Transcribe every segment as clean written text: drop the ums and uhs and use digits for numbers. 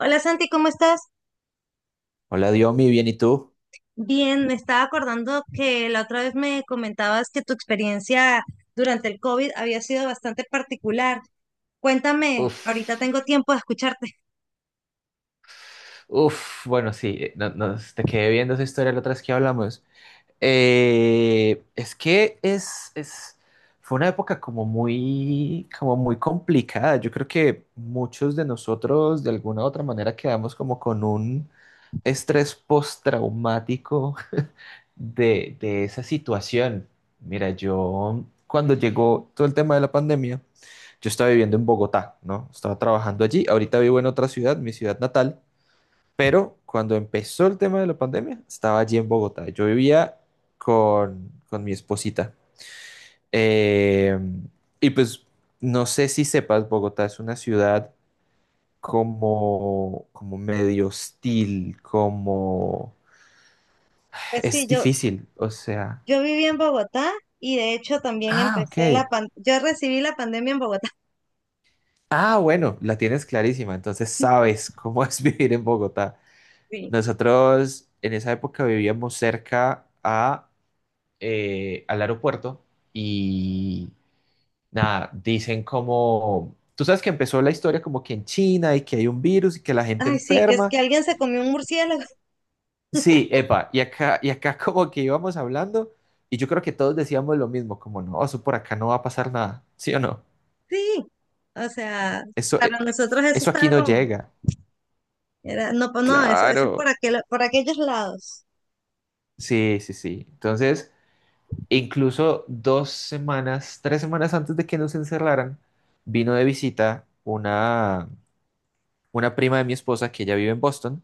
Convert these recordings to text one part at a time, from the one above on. Hola Santi, ¿cómo estás? Hola, Diomi, bien, ¿y tú? Bien, me estaba acordando que la otra vez me comentabas que tu experiencia durante el COVID había sido bastante particular. Cuéntame, Uf, ahorita tengo tiempo de escucharte. uf, bueno, sí, no, te quedé viendo esa historia la otra vez que hablamos. Es que fue una época como muy complicada. Yo creo que muchos de nosotros de alguna u otra manera quedamos como con un estrés postraumático de esa situación. Mira, yo cuando llegó todo el tema de la pandemia, yo estaba viviendo en Bogotá, ¿no? Estaba trabajando allí, ahorita vivo en otra ciudad, mi ciudad natal, pero cuando empezó el tema de la pandemia, estaba allí en Bogotá. Yo vivía con mi esposita. Eh, y pues no sé si sepas, Bogotá es una ciudad como medio hostil, como... Pues sí, Es yo, difícil, o sea... yo viví en Bogotá y de hecho también Ah, ok. empecé la pan, yo recibí la pandemia en Bogotá. Ah, bueno, la tienes clarísima, entonces Sí, sabes cómo es vivir en Bogotá. sí. Nosotros en esa época vivíamos cerca al aeropuerto y nada, dicen como, tú sabes que empezó la historia como que en China y que hay un virus y que la gente Ay, sí, que es enferma. que alguien se comió un murciélago. Sí, epa, y acá como que íbamos hablando y yo creo que todos decíamos lo mismo, como no, eso por acá no va a pasar nada, ¿sí o no? Sí, o sea, Eso, para eh, nosotros eso eso aquí estaba no como, llega. era, no, pues no, eso es por Claro. aquel, por aquellos lados. Sí, sí, sí. Entonces, incluso 2 semanas, 3 semanas antes de que nos encerraran, vino de visita una prima de mi esposa que ella vive en Boston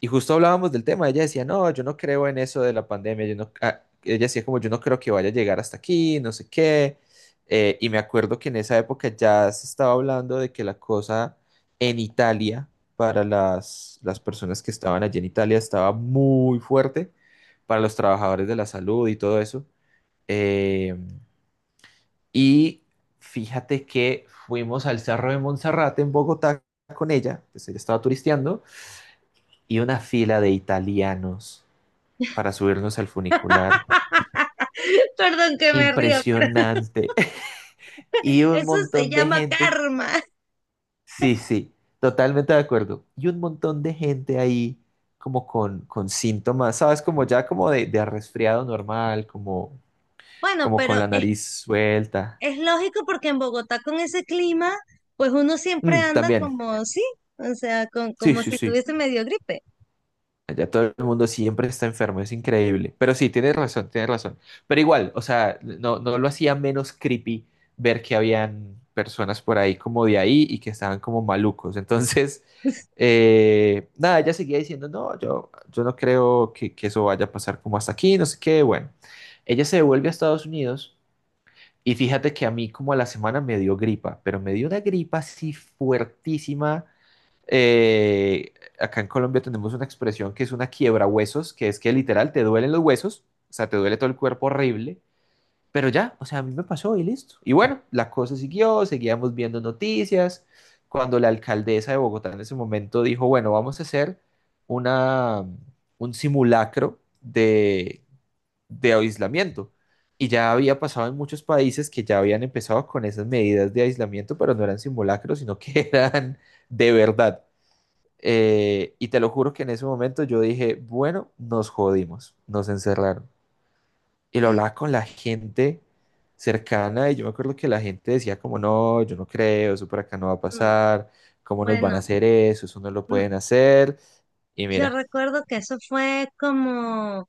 y justo hablábamos del tema, ella decía, no, yo no creo en eso de la pandemia, yo no, ella decía como yo no creo que vaya a llegar hasta aquí, no sé qué. Y me acuerdo que en esa época ya se estaba hablando de que la cosa en Italia, para las personas que estaban allí en Italia, estaba muy fuerte, para los trabajadores de la salud y todo eso. Eh, y fíjate que fuimos al Cerro de Monserrate en Bogotá con ella, pues ella estaba turisteando, y una fila de italianos para subirnos al funicular. Perdón que me río, pero Impresionante. Y un eso se montón de llama gente, karma. sí, sí, totalmente de acuerdo. Y un montón de gente ahí como con síntomas, ¿sabes? Como ya como de resfriado normal, como, Bueno, como pero con la nariz suelta. es lógico porque en Bogotá con ese clima, pues uno siempre Mm, anda también, como, sí, o sea, con, sí, como sí, si sí. tuviese medio gripe. Allá todo el mundo siempre está enfermo, es increíble. Pero sí, tienes razón, tienes razón. Pero igual, o sea, no, no lo hacía menos creepy ver que habían personas por ahí como de ahí y que estaban como malucos. Entonces, nada, ella seguía diciendo, no, yo no creo que eso vaya a pasar como hasta aquí, no sé qué. Bueno, ella se devuelve a Estados Unidos y fíjate que a mí como a la semana me dio gripa, pero me dio una gripa así fuertísima eh, acá en Colombia tenemos una expresión que es una quiebra huesos, que es que literal te duelen los huesos, o sea, te duele todo el cuerpo horrible, pero ya, o sea, a mí me pasó y listo. Y bueno, la cosa siguió, seguíamos viendo noticias. Cuando la alcaldesa de Bogotá en ese momento dijo, bueno, vamos a hacer una, un simulacro de aislamiento. Y ya había pasado en muchos países que ya habían empezado con esas medidas de aislamiento, pero no eran simulacros, sino que eran de verdad. Y te lo juro que en ese momento yo dije, bueno, nos jodimos, nos encerraron. Y lo hablaba con la gente cercana y yo me acuerdo que la gente decía como, no, yo no creo, eso por acá no va a Mm. pasar, ¿cómo nos van a Bueno, hacer eso? Eso no lo mm, pueden hacer. Y yo mira, recuerdo que eso fue como,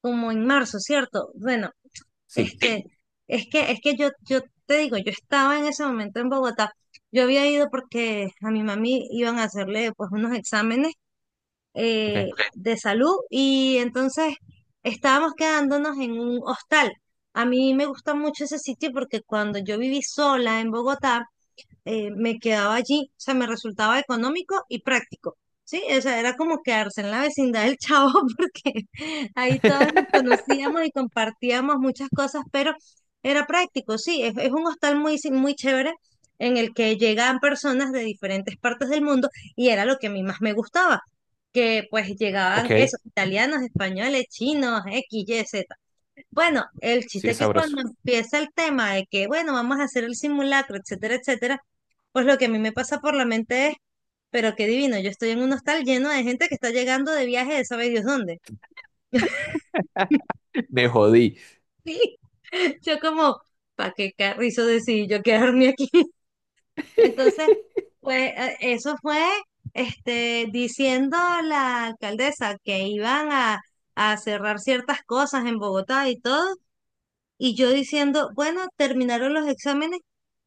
como en marzo, ¿cierto? Bueno, sí, este, es que yo te digo, yo estaba en ese momento en Bogotá. Yo había ido porque a mi mami iban a hacerle pues unos exámenes ok. Ok. De salud y entonces estábamos quedándonos en un hostal. A mí me gusta mucho ese sitio porque cuando yo viví sola en Bogotá, me quedaba allí, o sea, me resultaba económico y práctico, ¿sí? O sea, era como quedarse en la vecindad del Chavo porque ahí todos nos conocíamos y compartíamos muchas cosas, pero era práctico, sí, es un hostal muy, muy chévere en el que llegaban personas de diferentes partes del mundo y era lo que a mí más me gustaba, que pues llegaban Ok, esos italianos, españoles, chinos, X, Y, Z. Bueno, el sí chiste es es que cuando sabroso. empieza el tema de que, bueno, vamos a hacer el simulacro, etcétera, etcétera, pues lo que a mí me pasa por la mente es, pero qué divino, yo estoy en un hostal lleno de gente que está llegando de viaje de sabe Dios dónde. Me jodí. Y yo como, ¿para qué carrizo decidí yo quedarme aquí? Entonces, pues eso fue diciendo a la alcaldesa que iban a cerrar ciertas cosas en Bogotá y todo, y yo diciendo, bueno, terminaron los exámenes,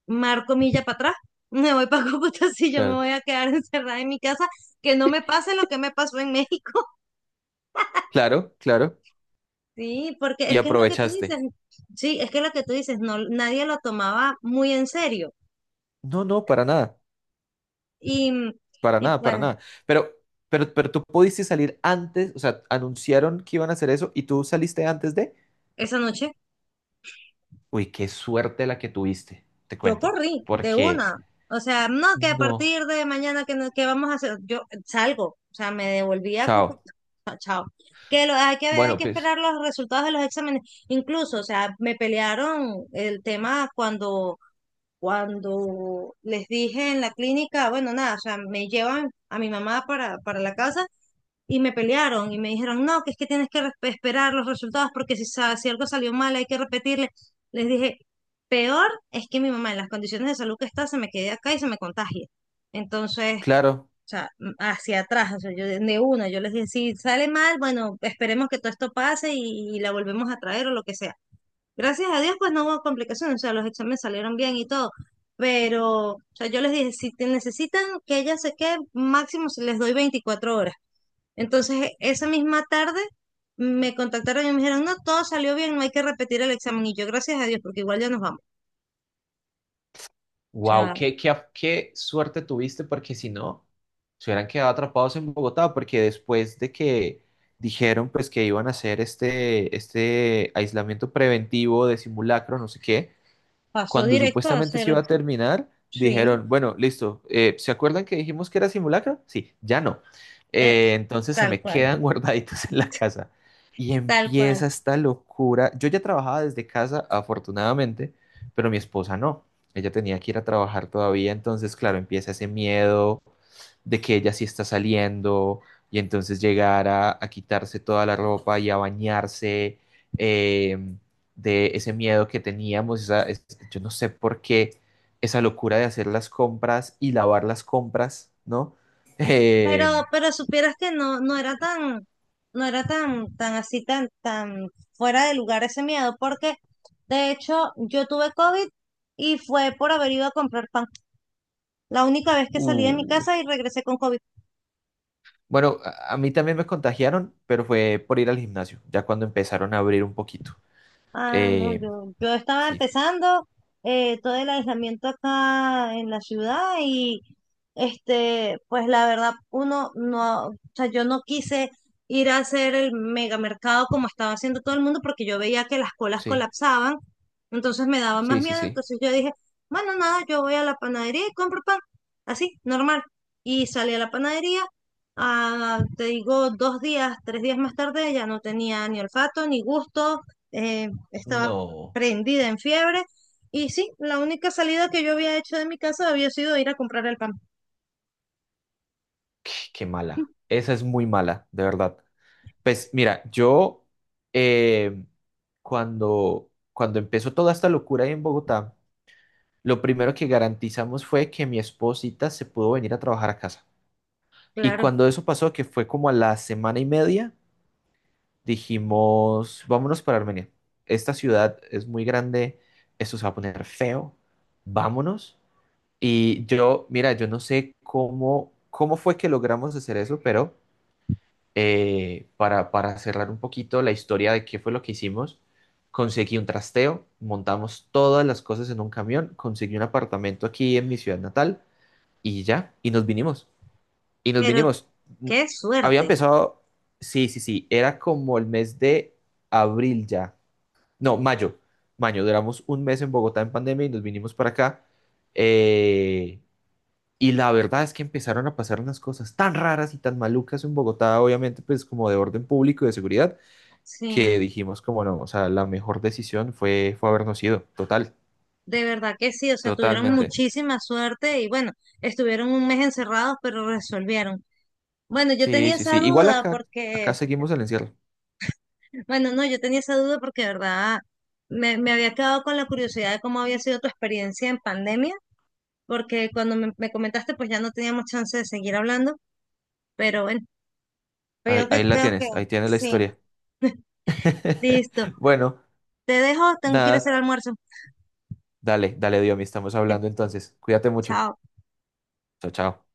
marco milla para atrás, me voy para Cúcuta. Si yo me Claro, voy a quedar encerrada en mi casa, que no me pase lo que me pasó en México. claro, claro. Sí, porque Y es que es lo que tú dices, aprovechaste. sí, es que es lo que tú dices, no, nadie lo tomaba muy en serio. No, no, para nada. Y, Para y nada, para pues nada. Pero, pero tú pudiste salir antes, o sea, anunciaron que iban a hacer eso y tú saliste antes de... esa noche Uy, qué suerte la que tuviste, te yo cuento. corrí de Porque una. O sea, no, que a no. partir de mañana que, que vamos a hacer, yo salgo, o sea, me devolví a Chao. Cúcuta. Chao. Que hay que, hay Bueno, que pues esperar los resultados de los exámenes. Incluso, o sea, me pelearon el tema cuando, cuando les dije en la clínica, bueno, nada, o sea, me llevan a mi mamá para la casa y me pelearon y me dijeron, no, que es que tienes que esperar los resultados porque si, si algo salió mal hay que repetirle. Les dije, peor es que mi mamá en las condiciones de salud que está se me quede acá y se me contagie. Entonces, claro. o sea, hacia atrás, o sea, yo de una, yo les dije, si sale mal, bueno, esperemos que todo esto pase y la volvemos a traer o lo que sea. Gracias a Dios, pues no hubo complicaciones, o sea, los exámenes salieron bien y todo. Pero, o sea, yo les dije, si te necesitan que ella se quede, máximo se les doy 24 horas. Entonces, esa misma tarde me contactaron y me dijeron, no, todo salió bien, no hay que repetir el examen. Y yo, gracias a Dios, porque igual ya nos vamos. O Wow, sea, qué suerte tuviste porque si no, se hubieran quedado atrapados en Bogotá porque después de que dijeron pues que iban a hacer este aislamiento preventivo de simulacro, no sé qué, pasó cuando directo a supuestamente se hacer, iba a terminar, sí, dijeron, bueno, listo, ¿se acuerdan que dijimos que era simulacro? Sí, ya no. eh, Entonces se tal me cual, quedan guardaditos en la casa. Y tal cual. empieza esta locura. Yo ya trabajaba desde casa, afortunadamente, pero mi esposa no. Ella tenía que ir a trabajar todavía, entonces, claro, empieza ese miedo, de que ella sí está saliendo y entonces llegar a quitarse toda la ropa y a bañarse, eh, de ese miedo que teníamos, esa- es- yo no sé por qué esa locura de hacer las compras y lavar las compras, ¿no? Eh, Pero supieras que no, no era tan, no era tan, tan así, tan, tan fuera de lugar ese miedo, porque de hecho yo tuve COVID y fue por haber ido a comprar pan. La única vez que salí de mi uh, casa y regresé con COVID. bueno, a mí también me contagiaron, pero fue por ir al gimnasio, ya cuando empezaron a abrir un poquito. Ah, no, Eh, yo estaba sí, empezando todo el aislamiento acá en la ciudad y este, pues la verdad, uno no, o sea, yo no quise ir a hacer el megamercado como estaba haciendo todo el mundo porque yo veía que las colas sí, colapsaban, entonces me daba más sí, sí, miedo, sí. entonces yo dije, bueno, nada, yo voy a la panadería y compro pan, así, normal. Y salí a la panadería, ah, te digo, 2 días, 3 días más tarde ya no tenía ni olfato, ni gusto. Estaba No, prendida en fiebre. Y sí, la única salida que yo había hecho de mi casa había sido ir a comprar el pan. qué mala. Esa es muy mala, de verdad. Pues mira, yo eh, cuando empezó toda esta locura ahí en Bogotá, lo primero que garantizamos fue que mi esposita se pudo venir a trabajar a casa. Y Claro, cuando eso pasó, que fue como a la semana y media, dijimos, vámonos para Armenia. Esta ciudad es muy grande, esto se va a poner feo, vámonos. Y yo, mira, yo no sé cómo, cómo fue que logramos hacer eso, pero para cerrar un poquito la historia de qué fue lo que hicimos, conseguí un trasteo, montamos todas las cosas en un camión, conseguí un apartamento aquí en mi ciudad natal y ya, y nos vinimos. Y nos pero vinimos. N- qué Había suerte. empezado, sí, sí, sí, era como el mes de abril ya. No, mayo. Mayo, duramos un mes en Bogotá en pandemia y nos vinimos para acá. Eh, y la verdad es que empezaron a pasar unas cosas tan raras y tan malucas en Bogotá, obviamente, pues como de orden público y de seguridad, Sí, que dijimos como no, o sea, la mejor decisión fue, fue habernos ido, total, de verdad que sí, o sea, tuvieron totalmente. muchísima suerte y bueno, estuvieron 1 mes encerrados, pero resolvieron. Bueno, yo Sí, tenía sí, sí. esa Igual duda acá, porque, acá porque- seguimos el encierro. bueno, no, yo tenía esa duda porque de verdad me, me había quedado con la curiosidad de cómo había sido tu experiencia en pandemia, porque cuando me comentaste, pues ya no teníamos chance de seguir hablando, pero bueno. Pero Ahí, yo que ahí la creo que tienes, ahí tienes la sí. historia. Listo. Bueno, Te dejo, tengo que ir a hacer nada, almuerzo. dale, dale, Diomi, estamos Que- hablando entonces. Cuídate mucho. Chao. Chao, chao.